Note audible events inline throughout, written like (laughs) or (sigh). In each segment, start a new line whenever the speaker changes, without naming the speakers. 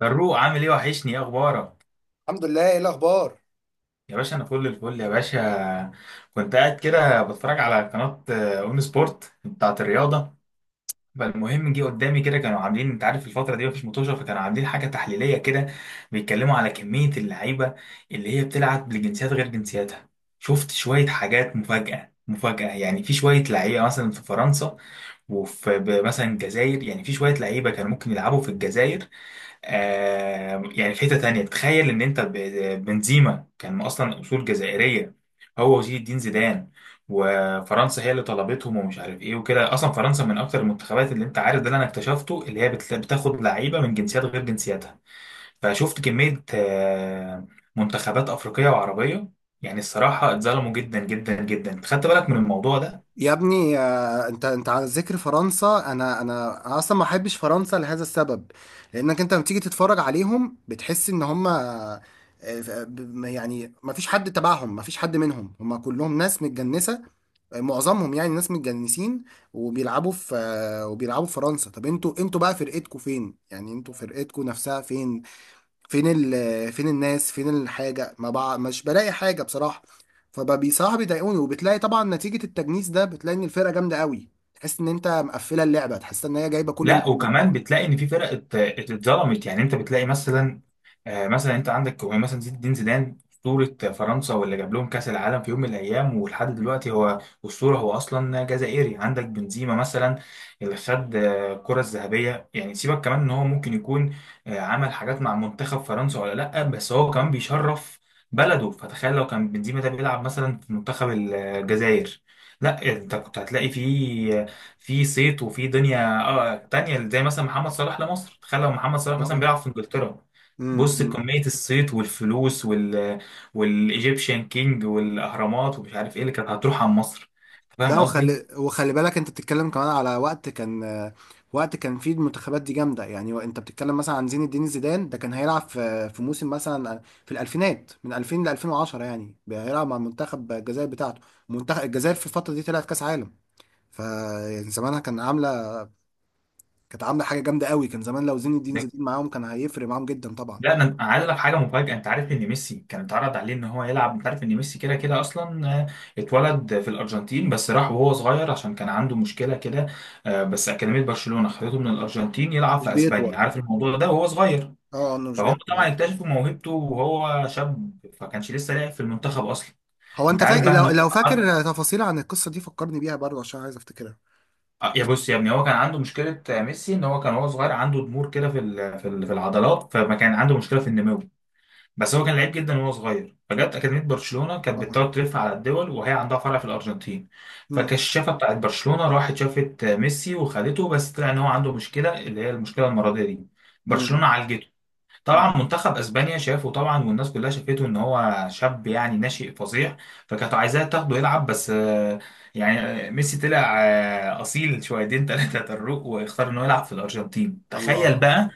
فاروق، عامل ايه؟ وحشني. ايه اخبارك؟
الحمد لله. ايه الاخبار؟
يا باشا، انا فل الفل يا باشا. كنت قاعد كده بتفرج على قناه اون سبورت بتاعت الرياضه. فالمهم جه قدامي كده، كانوا عاملين، انت عارف الفتره دي مفيش مطوشه، فكانوا عاملين حاجه تحليليه كده، بيتكلموا على كميه اللعيبه اللي هي بتلعب لجنسيات غير جنسياتها. شفت شويه حاجات مفاجاه مفاجاه. يعني في شويه لعيبه مثلا في فرنسا، وفي مثلا الجزائر، يعني في شويه لعيبه كانوا ممكن يلعبوا في الجزائر. يعني في حتة تانية، تخيل ان انت بنزيما كان اصلا اصول جزائرية، هو وزين الدين زيدان. وفرنسا هي اللي طلبتهم ومش عارف ايه وكده. اصلا فرنسا من اكتر المنتخبات، اللي انت عارف ده اللي انا اكتشفته، اللي هي بتاخد لعيبة من جنسيات غير جنسياتها. فشفت كمية منتخبات افريقية وعربية، يعني الصراحة اتظلموا جدا جدا جدا. خدت بالك من الموضوع ده؟
يا ابني. انت على ذكر فرنسا، انا اصلا ما بحبش فرنسا لهذا السبب، لانك انت لما تيجي تتفرج عليهم بتحس ان هم يعني ما فيش حد تبعهم، ما فيش حد منهم، هم كلهم ناس متجنسة. معظمهم يعني ناس متجنسين، وبيلعبوا في فرنسا. طب انتوا بقى فرقتكوا فين؟ يعني انتوا فرقتكوا نفسها فين؟ فين ال فين الناس، فين الحاجة؟ ما بع... مش بلاقي حاجة بصراحة. فبقى بصراحة بيضايقوني، وبتلاقي طبعا نتيجة التجنيس ده بتلاقي ان الفرقة جامدة قوي، تحس ان انت مقفلة اللعبة، تحس ان هي جايبة كل
لا
النجوم.
وكمان بتلاقي ان في فرق اتظلمت. يعني انت بتلاقي مثلا، مثلا انت عندك يعني مثلا زين الدين زيدان، اسطوره فرنسا واللي جاب لهم كاس العالم في يوم من الايام، ولحد دلوقتي هو اسطوره. هو اصلا جزائري. عندك بنزيما مثلا، اللي خد الكره الذهبيه. يعني سيبك كمان ان هو ممكن يكون عمل حاجات مع منتخب فرنسا ولا لا، بس هو كمان بيشرف بلده. فتخيل لو كان بنزيما ده بيلعب مثلا في منتخب الجزائر. لا، انت كنت هتلاقي فيه في صيت، وفي دنيا تانية، زي مثلا محمد صلاح لمصر. تخيل لو محمد صلاح مثلا
طبعا.
بيلعب في انجلترا. بص
أمم.
كمية الصيت والفلوس والايجيبشن كينج والاهرامات ومش عارف ايه اللي كانت هتروح عن مصر. فاهم
لا،
قصدي؟
وخلي بالك انت بتتكلم كمان على وقت كان فيه المنتخبات دي جامدة. يعني انت بتتكلم مثلا عن زين الدين زيدان، ده كان هيلعب في موسم مثلا في الألفينات من 2000 ل 2010. يعني هيلعب مع منتخب الجزائر بتاعته. منتخب الجزائر في الفترة دي طلعت كأس عالم، فيعني زمانها كانت عامله حاجه جامده قوي. كان زمان لو زين الدين
ده-
زيدان معاهم كان هيفرق معاهم جدا طبعا.
لا، انا عايز لك حاجه مفاجاه. انت عارف ان ميسي كان اتعرض عليه ان هو يلعب. انت عارف ان ميسي كده كده اصلا، اتولد في الارجنتين، بس راح وهو صغير عشان كان عنده مشكله كده. بس اكاديميه برشلونه خدته من الارجنتين يلعب
مش
في اسبانيا،
بيطول.
عارف الموضوع ده، وهو صغير.
اه، انه مش
فهم
بيطول.
طبعا
أيوة.
اكتشفوا موهبته وهو شاب، فكانش لسه لاعب في المنتخب اصلا.
هو
انت
انت
عارف
فاكر،
بقى ان
لو
هو،
لو فاكر تفاصيل عن القصه دي فكرني بيها برضه عشان عايز افتكرها.
يا بص يا ابني، هو كان عنده مشكله ميسي، ان هو كان وهو صغير عنده ضمور كده في العضلات، فما كان عنده مشكله في النمو. بس هو كان لعيب جدا وهو صغير، فجت اكاديميه برشلونه، كانت
طبعا.
بتدور تلف على الدول، وهي عندها فرع في الارجنتين.
امم
فالكشافه بتاعت برشلونه راحت شافت ميسي وخدته، بس طلع ان هو عنده مشكله، اللي هي المشكله المرضيه دي. برشلونه
امم
عالجته
أمم.
طبعا. منتخب اسبانيا شافه طبعا، والناس كلها شافته ان هو شاب، يعني ناشئ فظيع. فكانت عايزاه تاخده يلعب، بس يعني ميسي طلع اصيل شويتين (laughs) ثلاثه طروق، واختار انه يلعب في الارجنتين. تخيل
الله.
بقى.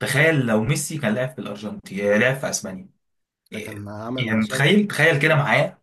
تخيل لو ميسي كان لعب في الارجنتين، لعب في اسبانيا.
ده
إيه،
كان عمل
يعني
مشاكل؟
تخيل تخيل كده معايا.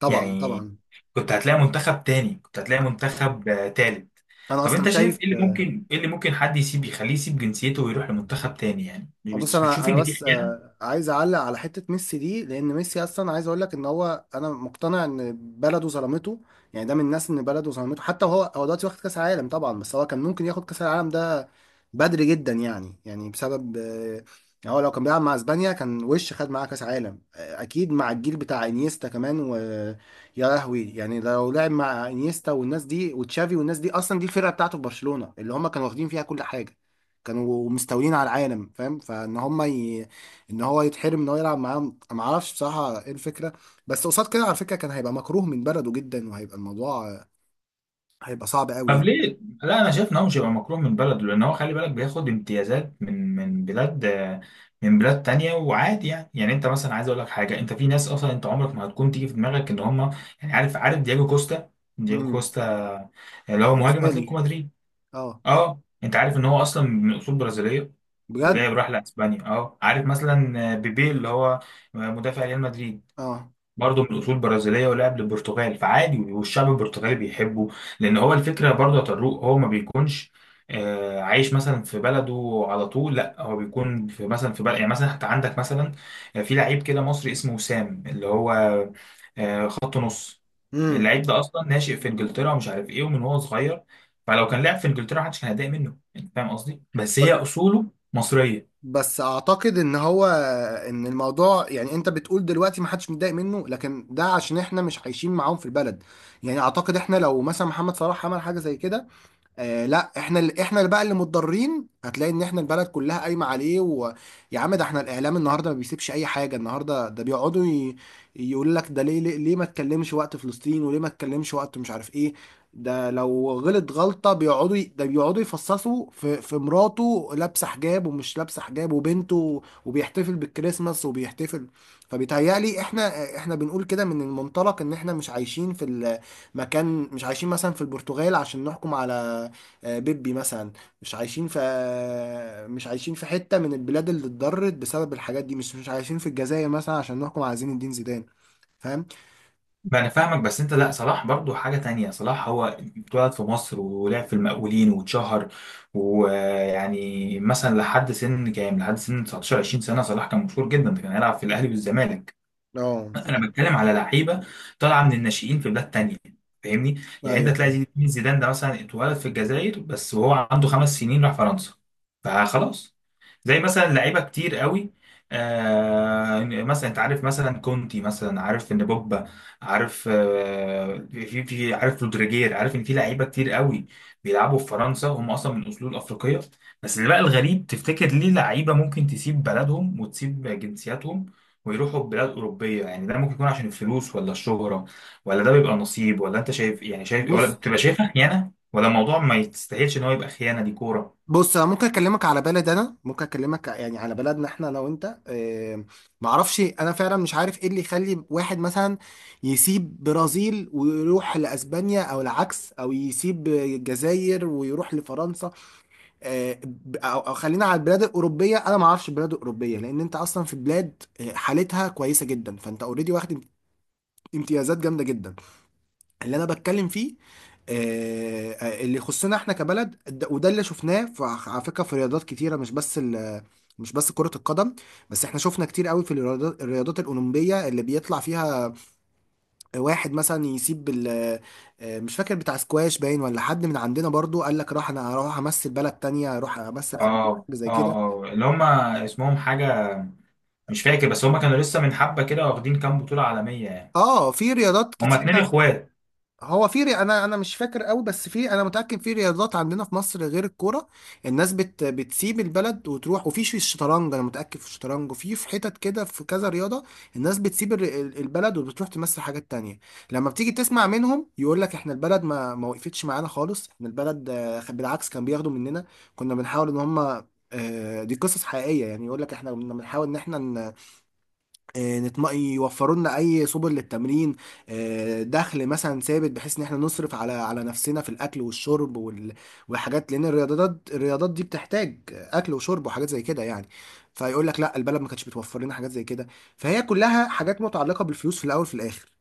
طبعا
يعني
طبعا.
كنت هتلاقي منتخب تاني، كنت هتلاقي منتخب تالت.
انا
طب
اصلا
انت
شايف.
شايف ايه اللي ممكن، حد يسيب، يخليه يسيب جنسيته ويروح لمنتخب تاني؟ يعني
بص،
مش
انا
بتشوف
انا
ان دي
بس
خيانه؟
عايز اعلق على حته ميسي دي، لان ميسي اصلا عايز اقول لك ان هو انا مقتنع ان بلده ظلمته. يعني ده من الناس ان بلده ظلمته، حتى هو دلوقتي واخد كاس عالم طبعا، بس هو كان ممكن ياخد كاس العالم ده بدري جدا، يعني بسبب يعني هو لو كان بيلعب مع اسبانيا كان وش خد معاه كاس عالم، اكيد، مع الجيل بتاع انيستا كمان ويا لهوي. يعني لو لعب مع انيستا والناس دي وتشافي والناس دي، اصلا دي الفرقه بتاعته في برشلونه اللي هم كانوا واخدين فيها كل حاجه، كانوا مستولين على العالم، فاهم؟ ان هو يتحرم ان هو يلعب معاهم، ما اعرفش بصراحه ايه الفكره. بس قصاد كده على فكره كان هيبقى مكروه من بلده جدا، وهيبقى الموضوع هيبقى صعب قوي
طب
يعني.
ليه؟ لا، انا شايف ان هو مش هيبقى مكروه من بلده، لان هو خلي بالك بياخد امتيازات من بلاد تانية وعادي. يعني انت مثلا، عايز اقول لك حاجه، انت في ناس اصلا انت عمرك ما هتكون تيجي في دماغك ان هم، يعني عارف دياجو كوستا دياجو
امم.
كوستا اللي هو مهاجم
تاني.
اتلتيكو مدريد.
اه.
اه انت عارف ان هو اصلا من اصول برازيليه.
بجد.
راح لاسبانيا. اه عارف مثلا بيبي، اللي هو مدافع ريال مدريد،
اه.
برضه من اصول برازيليه ولعب للبرتغال. فعادي، والشعب البرتغالي بيحبه. لان هو الفكره برضه يا طارق، هو ما بيكونش عايش مثلا في بلده على طول، لا هو بيكون في مثلا في بلد. يعني مثلا حتى عندك مثلا، في لعيب كده مصري اسمه وسام، اللي هو خط نص.
امم.
اللعيب ده اصلا ناشئ في انجلترا ومش عارف ايه، ومن هو صغير. فلو كان لعب في انجلترا محدش كان هيتضايق منه. انت فاهم قصدي؟ بس هي اصوله مصريه.
بس اعتقد ان هو، الموضوع يعني انت بتقول دلوقتي ما حدش متضايق منه، لكن ده عشان احنا مش عايشين معاهم في البلد. يعني اعتقد احنا لو مثلا محمد صلاح عمل حاجه زي كده، آه لا، احنا اللي بقى اللي متضررين. هتلاقي ان احنا البلد كلها قايمه عليه، ويا عم ده احنا الاعلام النهارده ما بيسيبش اي حاجه. النهارده ده يقول لك ده ليه، ليه ما تكلمش وقت فلسطين، وليه ما تكلمش وقت مش عارف ايه. ده لو غلط غلطه ده بيقعدوا يفصصوا في مراته لابسه حجاب ومش لابسه حجاب، وبنته، وبيحتفل بالكريسماس وبيحتفل. فبيتهيألي احنا بنقول كده من المنطلق ان احنا مش عايشين في المكان، مش عايشين مثلا في البرتغال عشان نحكم على بيبي مثلا، مش عايشين في حتة من البلاد اللي اتضرت بسبب الحاجات دي، مش عايشين في الجزائر مثلا عشان نحكم على زين الدين زيدان. فاهم؟
ما انا فاهمك، بس انت، لا، صلاح برضو حاجة تانية. صلاح هو اتولد في مصر، ولعب في المقاولين واتشهر. ويعني مثلا لحد سن 19 20 سنة، صلاح كان مشهور جدا، ده كان يلعب في الاهلي والزمالك.
اه
انا
فاهم.
بتكلم على لعيبة طالعة من الناشئين في بلاد تانية. فاهمني، يعني انت
ايوه
تلاقي
فاهم.
زين زيدان ده مثلا اتولد في الجزائر، بس وهو عنده 5 سنين راح فرنسا، فخلاص. زي مثلا لعيبه كتير قوي، مثلا انت عارف مثلا كونتي، مثلا عارف ان بوبا، عارف في عارف رودريجير، عارف ان في لعيبه كتير قوي بيلعبوا في فرنسا هم اصلا من اصول افريقيه. بس اللي بقى الغريب، تفتكر ليه لعيبه ممكن تسيب بلدهم وتسيب جنسياتهم ويروحوا بلاد اوروبيه؟ يعني ده ممكن يكون عشان الفلوس ولا الشهره، ولا ده بيبقى نصيب، ولا انت شايف يعني شايف، ولا
بص
بتبقى شايفها خيانه، ولا الموضوع ما يستاهلش ان هو يبقى خيانه؟ دي كوره.
بص، انا ممكن اكلمك يعني على بلدنا احنا انا وانت. معرفش، انا فعلا مش عارف ايه اللي يخلي واحد مثلا يسيب برازيل ويروح لاسبانيا او العكس، او يسيب الجزائر ويروح لفرنسا. آه، او خلينا على البلاد الاوروبيه، انا ما اعرفش البلاد الاوروبيه، لان انت اصلا في بلاد حالتها كويسه جدا، فانت اوريدي واخد امتيازات جامده جدا. اللي انا بتكلم فيه اللي يخصنا احنا كبلد. وده اللي شفناه على فكره، في رياضات كتيره، مش بس كرة القدم. بس احنا شفنا كتير قوي في الرياضات الأولمبية، اللي بيطلع فيها واحد مثلا يسيب ال مش فاكر بتاع سكواش باين ولا حد من عندنا برضو قال لك راح، انا هروح امثل بلد تانية، اروح امثل امريكا
اه،
زي
اه،
كده.
اه، اللي هم اسمهم حاجة، مش فاكر، بس هم كانوا لسه من حبة كده واخدين كام بطولة عالمية يعني.
اه، في رياضات
هم اتنين
كتيرة.
اخوات.
انا مش فاكر قوي بس في، انا متأكد في رياضات عندنا في مصر غير الكورة. بتسيب البلد وتروح، وفي الشطرنج، انا متأكد في الشطرنج، وفي حتت كده، في كذا رياضة. الناس البلد وبتروح تمثل حاجات تانية. لما بتيجي تسمع منهم يقول لك احنا البلد ما وقفتش معانا خالص، احنا البلد بالعكس كان بياخدوا مننا. كنا بنحاول ان هم، دي قصص حقيقية، يعني يقول لك احنا كنا بنحاول ان احنا يوفروا لنا اي سبل للتمرين، دخل مثلا ثابت، بحيث ان احنا نصرف على نفسنا في الاكل والشرب والحاجات، لان الرياضات دي بتحتاج اكل وشرب وحاجات زي كده يعني. فيقول لك لا، البلد ما كانتش بتوفر لنا حاجات زي كده. فهي كلها حاجات متعلقة بالفلوس، في الاول في الاخر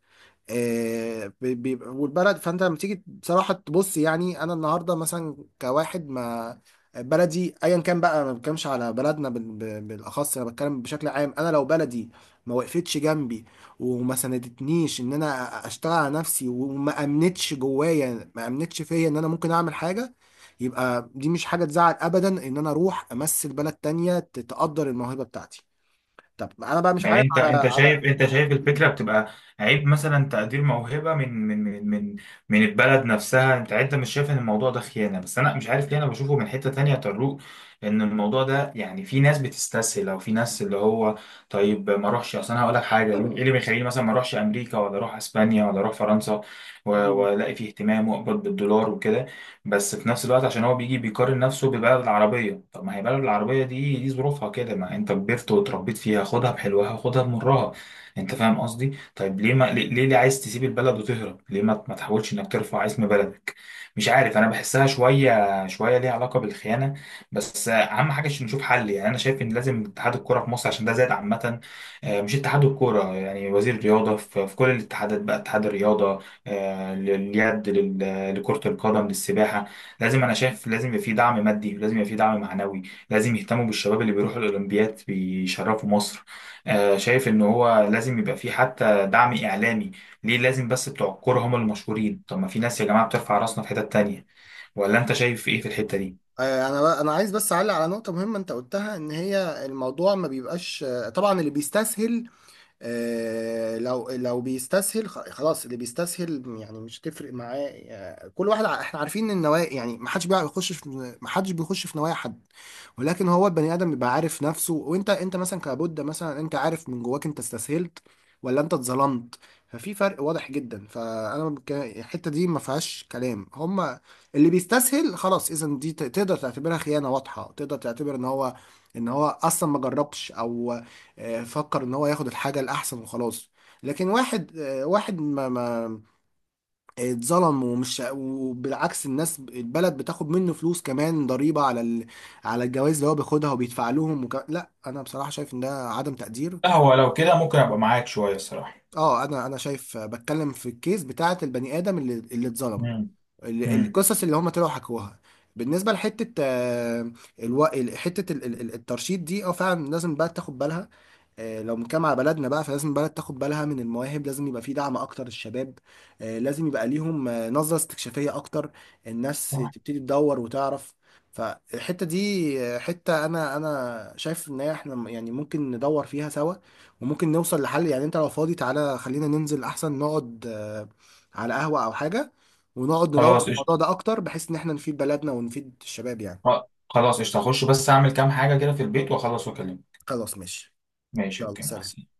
بيبقى والبلد. فانت لما تيجي بصراحه تبص، يعني انا النهارده مثلا كواحد ما، بلدي ايا كان بقى، ما بتكلمش على بلدنا بالاخص، انا بتكلم بشكل عام. انا لو بلدي ما وقفتش جنبي وما سندتنيش ان انا اشتغل على نفسي، وما امنتش جوايا ما امنتش فيا ان انا ممكن اعمل حاجه، يبقى دي مش حاجه تزعل ابدا ان انا اروح امثل بلد تانية تقدر الموهبه بتاعتي. طب انا بقى مش
يعني
عارف
انت
على
انت
على
شايف انت شايف الفكرة بتبقى عيب، مثلا تقدير موهبة من البلد نفسها؟ انت مش شايف ان الموضوع ده خيانة؟ بس انا مش عارف ليه انا بشوفه من حتة تانية يا طارق. ان الموضوع ده يعني في ناس بتستسهل، او في ناس اللي هو طيب ما اروحش، اصل انا هقول لك حاجة، ايه اللي بيخليني مثلا ما اروحش امريكا ولا اروح اسبانيا ولا اروح فرنسا، والاقي فيه اهتمام واقبض بالدولار وكده؟ بس في نفس الوقت عشان هو بيجي بيقارن نفسه ببلد العربية. طب ما هي بلد العربية دي ظروفها كده، ما انت كبرت وتربيت فيها، خدها بحلوها خدها بمرها. انت فاهم قصدي؟ طيب ليه ما ليه عايز تسيب البلد وتهرب؟ ليه ما تحاولش انك ترفع اسم بلدك؟ مش عارف، انا بحسها شويه شويه ليها علاقه بالخيانه. بس اهم حاجه عشان نشوف حل، يعني انا شايف ان لازم اتحاد الكوره في مصر، عشان ده زاد عامه. مش اتحاد الكوره، يعني وزير الرياضه، في كل الاتحادات بقى، اتحاد الرياضه لليد، لكره القدم، للسباحه. لازم، انا شايف لازم يبقى في دعم مادي، لازم يبقى في دعم معنوي. لازم يهتموا بالشباب اللي بيروحوا الاولمبياد بيشرفوا مصر. شايف ان هو لازم يبقى في حتى دعم اعلامي. ليه لازم بس بتوع الكورة هم المشهورين؟ طب ما في ناس يا جماعة بترفع راسنا في حتت تانية. ولا انت شايف ايه في الحتة دي؟
انا عايز بس اعلق على نقطه مهمه انت قلتها، ان هي الموضوع ما بيبقاش طبعا اللي بيستسهل، لو بيستسهل خلاص، اللي بيستسهل يعني مش تفرق معاه. كل واحد، احنا عارفين ان النوايا يعني ما حدش بيخش في، ما حدش بيخش في نوايا حد. ولكن هو البني ادم بيبقى عارف نفسه، وانت انت مثلا كبودة مثلا، انت عارف من جواك انت استسهلت ولا انت اتظلمت. ففي فرق واضح جدا، فانا الحته دي ما فيهاش كلام. هما اللي بيستسهل خلاص، اذا دي تقدر تعتبرها خيانه واضحه، تقدر تعتبر ان هو ان هو اصلا ما جربش، او فكر ان هو ياخد الحاجه الاحسن وخلاص. لكن واحد واحد ما اتظلم ومش، وبالعكس الناس البلد بتاخد منه فلوس كمان، ضريبه على الجوائز اللي هو بياخدها وبيدفع لهم لا، انا بصراحه شايف ان ده عدم تقدير.
لا، هو لو كده ممكن ابقى معاك شويه الصراحه.
اه، انا شايف بتكلم في الكيس بتاعه البني ادم اللي اتظلم،
مم. مم.
القصص اللي هم طلعوا حكوها. بالنسبه لحته حته الترشيد دي، اه فعلا لازم بقى تاخد بالها. لو بنتكلم على بلدنا بقى، فلازم البلد تاخد بالها من المواهب، لازم يبقى في دعم اكتر للشباب، لازم يبقى ليهم نظرة استكشافية اكتر، الناس
صح.
تبتدي تدور وتعرف. فالحتة دي حتة، انا شايف ان احنا يعني ممكن ندور فيها سوا، وممكن نوصل لحل. يعني انت لو فاضي تعالى خلينا ننزل احسن نقعد على قهوة او حاجة، ونقعد ندور في
خلاص
الموضوع
قشطة.
ده اكتر، بحيث ان احنا نفيد بلدنا ونفيد الشباب يعني.
خلاص قشطه، هخش بس اعمل كام حاجه كده في البيت واخلص واكلمك.
خلاص ماشي.
ماشي.
يلا
اوكي، مع
سلام.
السلامة.